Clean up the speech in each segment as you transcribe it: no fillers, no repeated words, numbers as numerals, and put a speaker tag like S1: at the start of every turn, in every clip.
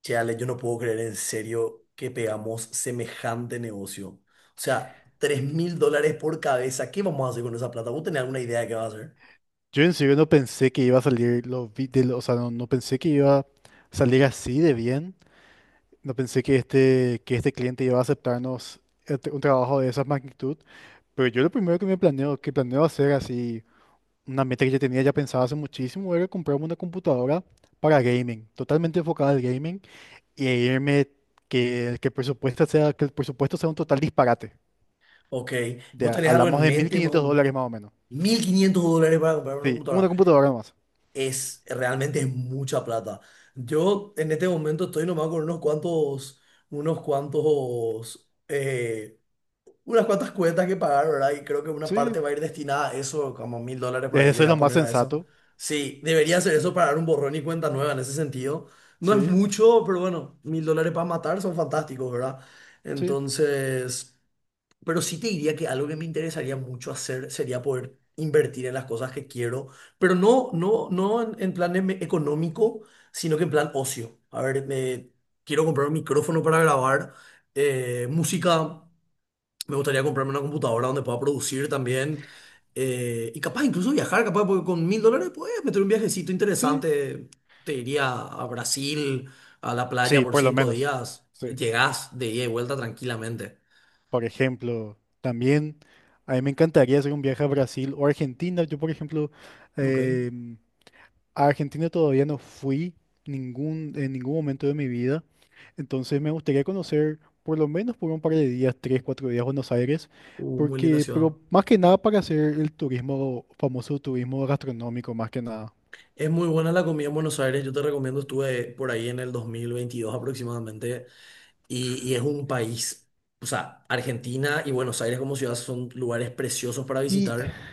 S1: Che, Ale, yo no puedo creer en serio que pegamos semejante negocio. O sea, $3000 por cabeza. ¿Qué vamos a hacer con esa plata? ¿Vos tenés alguna idea de qué vas a hacer?
S2: Yo en serio no pensé que iba a salir los vi- de lo- o sea, no, no pensé que iba a salir así de bien. No pensé que este cliente iba a aceptarnos un trabajo de esa magnitud. Pero yo lo primero que planeo hacer así, una meta que yo tenía ya pensada hace muchísimo, era comprarme una computadora para gaming, totalmente enfocada al gaming, y irme que el presupuesto sea un total disparate.
S1: Ok.
S2: De,
S1: ¿Vos
S2: a-
S1: tenés algo
S2: hablamos
S1: en
S2: de mil
S1: mente más o
S2: quinientos
S1: menos?
S2: dólares más o menos.
S1: $1500 para comprar una
S2: Sí, una
S1: computadora.
S2: computadora más.
S1: Es, realmente es mucha plata. Yo en este momento estoy nomás con unos cuantos, unas cuantas cuentas que pagar, ¿verdad? Y creo que una
S2: Sí,
S1: parte va a ir destinada a eso, como $1000 por ahí le
S2: eso es
S1: voy
S2: lo
S1: a
S2: más
S1: poner a eso.
S2: sensato.
S1: Sí, debería ser eso para dar un borrón y cuenta nueva en ese sentido. No es
S2: Sí.
S1: mucho, pero bueno, $1000 para matar son fantásticos, ¿verdad?
S2: Sí,
S1: Entonces, pero sí te diría que algo que me interesaría mucho hacer sería poder invertir en las cosas que quiero, pero no en, económico, sino que en plan ocio. A ver, me, quiero comprar un micrófono para grabar música. Me gustaría comprarme una computadora donde pueda producir también. Y capaz incluso viajar, capaz, porque con $1000 puedes meter un viajecito
S2: sí,
S1: interesante. Te iría a Brasil, a la playa
S2: sí,
S1: por
S2: por lo
S1: cinco
S2: menos.
S1: días.
S2: Sí.
S1: Llegás de ida y vuelta tranquilamente.
S2: Por ejemplo, también a mí me encantaría hacer un viaje a Brasil o Argentina. Yo, por ejemplo,
S1: Ok.
S2: em, a Argentina todavía no fui en ningún momento de mi vida. Entonces me gustaría conocer por lo menos por un par de días, tres, cuatro días Buenos Aires,
S1: Muy linda ciudad.
S2: pero más que nada para hacer el turismo, famoso turismo gastronómico, más que nada.
S1: Es muy buena la comida en Buenos Aires. Yo te recomiendo, estuve por ahí en el 2022 aproximadamente. Y es un país, o sea, Argentina y Buenos Aires como ciudad son lugares preciosos para
S2: Y
S1: visitar.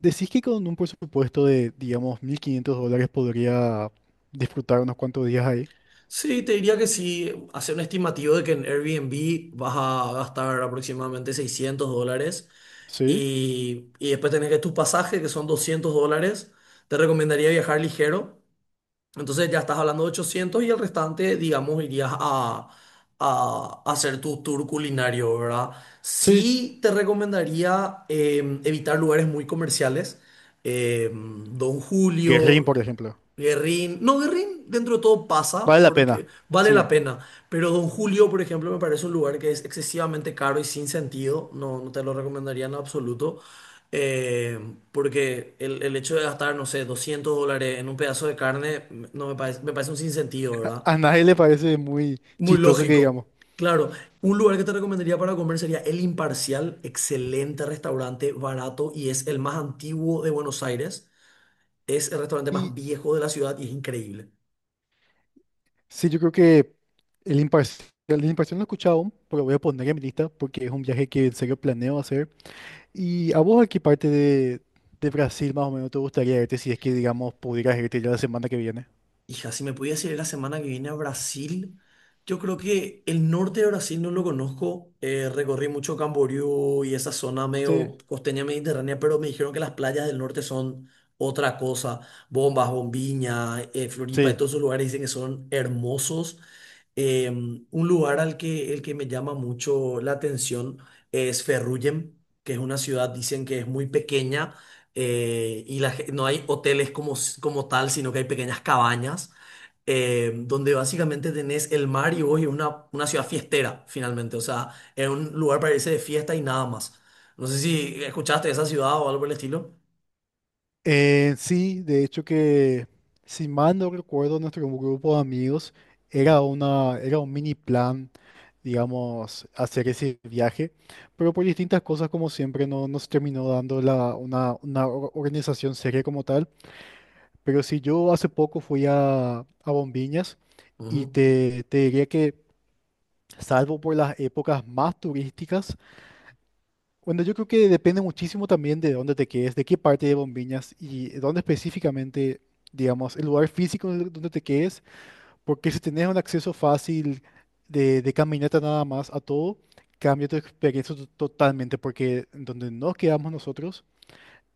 S2: decís que con un presupuesto de, digamos, $1.500 podría disfrutar unos cuantos días ahí.
S1: Sí, te diría que sí, hacer un estimativo de que en Airbnb vas a gastar aproximadamente $600
S2: Sí,
S1: y después tenés que tus pasajes, que son $200, te recomendaría viajar ligero. Entonces ya estás hablando de 800 y el restante, digamos, irías a hacer tu tour culinario, ¿verdad?
S2: sí.
S1: Sí te recomendaría evitar lugares muy comerciales. Don
S2: Guerrín,
S1: Julio.
S2: por ejemplo.
S1: Guerrín, no, Guerrín dentro de todo pasa
S2: Vale la pena.
S1: porque vale
S2: Sí.
S1: la pena, pero Don Julio, por ejemplo, me parece un lugar que es excesivamente caro y sin sentido, no, no te lo recomendaría en absoluto, eh, porque el hecho de gastar, no sé, $200 en un pedazo de carne, no me parece, me parece un sinsentido, ¿verdad?
S2: A nadie le parece muy
S1: Muy
S2: chistoso que digamos.
S1: lógico. Claro, un lugar que te recomendaría para comer sería El Imparcial, excelente restaurante, barato y es el más antiguo de Buenos Aires, es el restaurante más
S2: Y
S1: viejo de la ciudad y es increíble.
S2: sí, yo creo que el imparcial no he escuchado aún, pero voy a poner en mi lista porque es un viaje que en serio planeo hacer. ¿Y a vos a qué parte de Brasil más o menos te gustaría irte si es que, digamos, pudieras irte ya la semana que viene?
S1: Hija, si me pudiese ir la semana que viene a Brasil, yo creo que el norte de Brasil no lo conozco. Recorrí mucho Camboriú y esa zona
S2: Sí.
S1: medio costeña mediterránea, pero me dijeron que las playas del norte son otra cosa. Bombas, Bombiña, Floripa, y
S2: Sí.
S1: todos esos lugares dicen que son hermosos. Un lugar al que, el que me llama mucho la atención es Ferrugem, que es una ciudad, dicen que es muy pequeña. No hay hoteles como, como tal, sino que hay pequeñas cabañas donde básicamente tenés el mar y vos y una ciudad fiestera, finalmente. O sea, es un lugar para irse de fiesta y nada más. No sé si escuchaste de esa ciudad o algo por el estilo.
S2: Sí, de hecho que, si mal no recuerdo, nuestro grupo de amigos era un mini plan, digamos, hacer ese viaje, pero por distintas cosas, como siempre, no nos terminó dando una organización seria como tal. Pero si yo hace poco fui a Bombiñas y
S1: Ujú.
S2: te diría que, salvo por las épocas más turísticas. Bueno, yo creo que depende muchísimo también de dónde te quedes, de qué parte de Bombiñas y dónde específicamente, digamos, el lugar físico donde te quedes, porque si tenés un acceso fácil de caminata nada más a todo, cambia tu experiencia totalmente, porque en donde nos quedamos nosotros,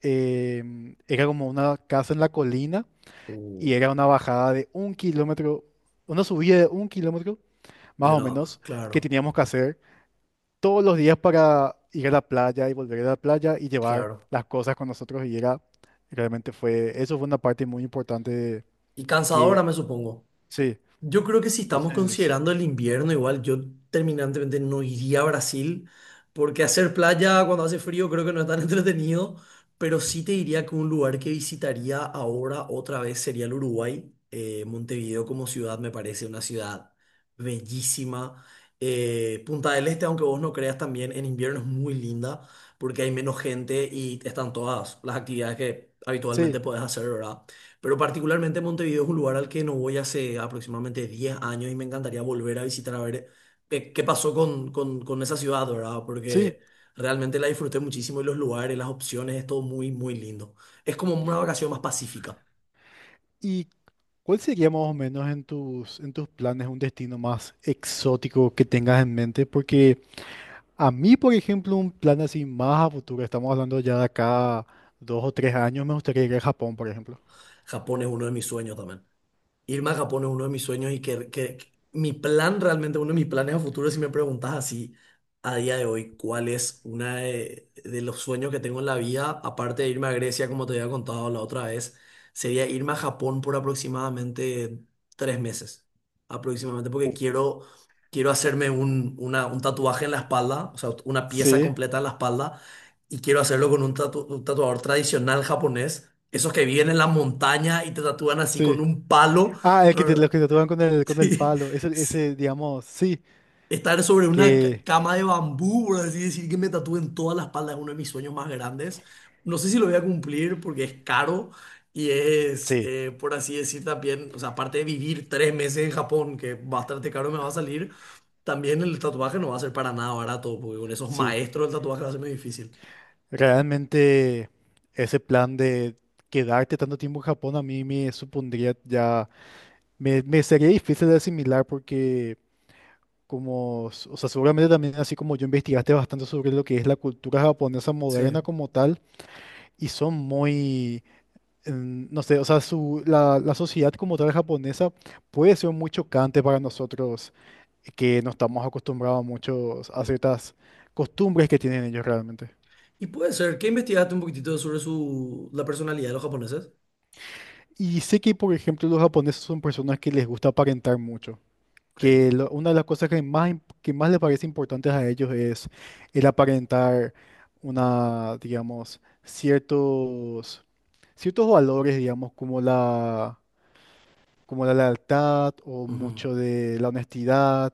S2: era como una casa en la colina
S1: Uh,
S2: y era una bajada de 1 kilómetro, una subida de 1 kilómetro
S1: Y
S2: más o
S1: una,
S2: menos que
S1: claro,
S2: teníamos que hacer todos los días para ir a la playa y volver a la playa y llevar
S1: claro.
S2: las cosas con nosotros y era, realmente fue, eso fue una parte muy importante de
S1: Y cansadora,
S2: que,
S1: me supongo.
S2: sí,
S1: Yo creo que si estamos
S2: entonces,
S1: considerando el invierno, igual yo terminantemente no iría a Brasil, porque hacer playa cuando hace frío creo que no es tan entretenido, pero sí te diría que un lugar que visitaría ahora otra vez sería el Uruguay. Montevideo como ciudad me parece una ciudad bellísima. Punta del Este, aunque vos no creas también, en invierno es muy linda porque hay menos gente y están todas las actividades que
S2: sí,
S1: habitualmente podés hacer, ¿verdad? Pero particularmente Montevideo es un lugar al que no voy hace aproximadamente 10 años y me encantaría volver a visitar a ver qué, qué pasó con esa ciudad, ¿verdad?
S2: sí.
S1: Porque realmente la disfruté muchísimo y los lugares, las opciones, es todo muy, muy lindo. Es como una vacación más pacífica.
S2: ¿Y cuál sería más o menos en tus planes un destino más exótico que tengas en mente? Porque a mí, por ejemplo, un plan así más a futuro, estamos hablando ya de acá 2 o 3 años, me gustaría ir a Japón, por ejemplo.
S1: Japón es uno de mis sueños también. Irme a Japón es uno de mis sueños y que mi plan realmente, uno de mis planes a futuro, si me preguntas así a día de hoy, cuál es una de los sueños que tengo en la vida, aparte de irme a Grecia, como te había contado la otra vez, sería irme a Japón por aproximadamente 3 meses, aproximadamente, porque
S2: Uh.
S1: quiero, quiero hacerme un tatuaje en la espalda, o sea, una pieza
S2: Sí,
S1: completa en la espalda, y quiero hacerlo con un tatuador tradicional japonés. Esos que viven en la montaña y te tatúan así con
S2: sí.
S1: un palo
S2: Ah, el que te, los
S1: ¿verdad?
S2: que te tocan con el
S1: Sí,
S2: palo. Ese,
S1: sí.
S2: ese, digamos, sí,
S1: Estar sobre una
S2: que
S1: cama de bambú, por así decir, que me tatúen toda la espalda es uno de mis sueños más grandes. No sé si lo voy a cumplir porque es caro y es,
S2: sí,
S1: por así decir, también, o sea, aparte de vivir 3 meses en Japón, que bastante caro me va a salir, también el tatuaje no va a ser para nada barato, porque con esos
S2: sí.
S1: maestros el tatuaje va a ser muy difícil.
S2: Realmente ese plan de quedarte tanto tiempo en Japón a mí me supondría ya, me sería difícil de asimilar porque o sea, seguramente también así como yo investigaste bastante sobre lo que es la cultura japonesa moderna
S1: Sí.
S2: como tal y son muy no sé, o sea, la sociedad como tal japonesa puede ser muy chocante para nosotros que no estamos acostumbrados muchos a ciertas costumbres que tienen ellos realmente.
S1: Y puede ser, ¿qué investigaste un poquitito sobre su, la personalidad de los japoneses?
S2: Y sé que, por ejemplo, los japoneses son personas que les gusta aparentar mucho,
S1: Ok.
S2: una de las cosas que más les parece importantes a ellos es el aparentar una, digamos, ciertos valores, digamos, como la lealtad o mucho de la honestidad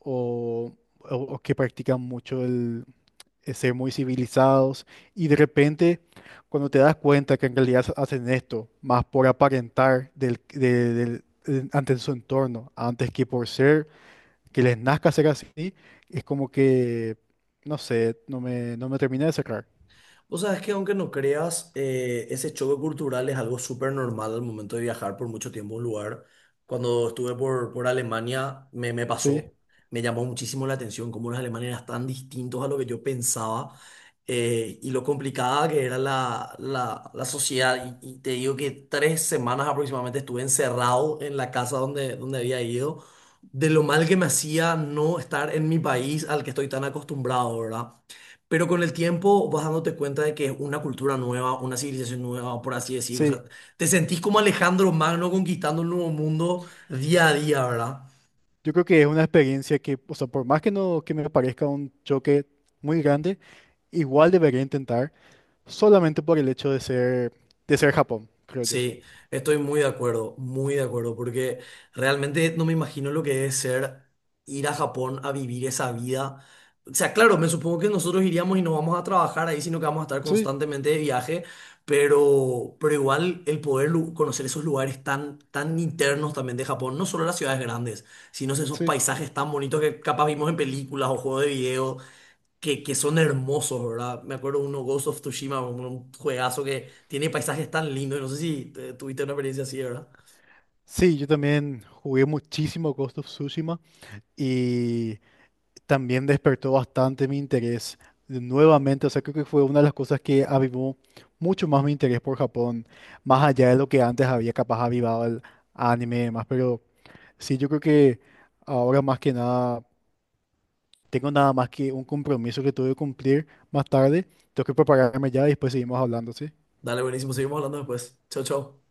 S2: o, o que practican mucho el ser muy civilizados. Y de repente cuando te das cuenta que en realidad hacen esto más por aparentar del, de- del- en- ante su entorno antes que por ser que les nazca ser así, es como que no sé, no me terminé de cerrar.
S1: Vos sabés que aunque no creas, ese choque cultural es algo súper normal al momento de viajar por mucho tiempo a un lugar. Cuando estuve por Alemania me, me
S2: Sí,
S1: pasó, me llamó muchísimo la atención cómo los alemanes eran tan distintos a lo que yo pensaba y lo complicada que era la sociedad. Y te digo que 3 semanas aproximadamente estuve encerrado en la casa donde, donde había ido, de lo mal que me hacía no estar en mi país al que estoy tan acostumbrado, ¿verdad? Pero con el tiempo vas dándote cuenta de que es una cultura nueva, una civilización nueva, por así decirlo. O sea,
S2: sí,
S1: te sentís como Alejandro Magno conquistando un nuevo mundo día a día, ¿verdad?
S2: yo creo que es una experiencia que, o sea, por más que no que me parezca un choque muy grande, igual debería intentar, solamente por el hecho de ser Japón, creo yo.
S1: Sí, estoy muy de acuerdo, porque realmente no me imagino lo que es ser ir a Japón a vivir esa vida. O sea, claro, me supongo que nosotros iríamos y no vamos a trabajar ahí, sino que vamos a estar
S2: Sí,
S1: constantemente de viaje, pero igual el poder conocer esos lugares tan, tan internos también de Japón, no solo las ciudades grandes, sino esos
S2: sí.
S1: paisajes tan bonitos que capaz vimos en películas o juegos de video que son hermosos, ¿verdad? Me acuerdo uno, Ghost of Tsushima, un juegazo que tiene paisajes tan lindos. No sé si tuviste una experiencia así, ¿verdad?
S2: Sí, yo también jugué muchísimo Ghost of Tsushima y también despertó bastante mi interés nuevamente. O sea, creo que fue una de las cosas que avivó mucho más mi interés por Japón, más allá de lo que antes había capaz avivado el anime y demás. Pero sí, yo creo que ahora más que nada. Tengo nada más que un compromiso que tuve que cumplir más tarde. Tengo que prepararme ya y después seguimos hablando, ¿sí?
S1: Dale, buenísimo. Seguimos hablando después. Chao, chao.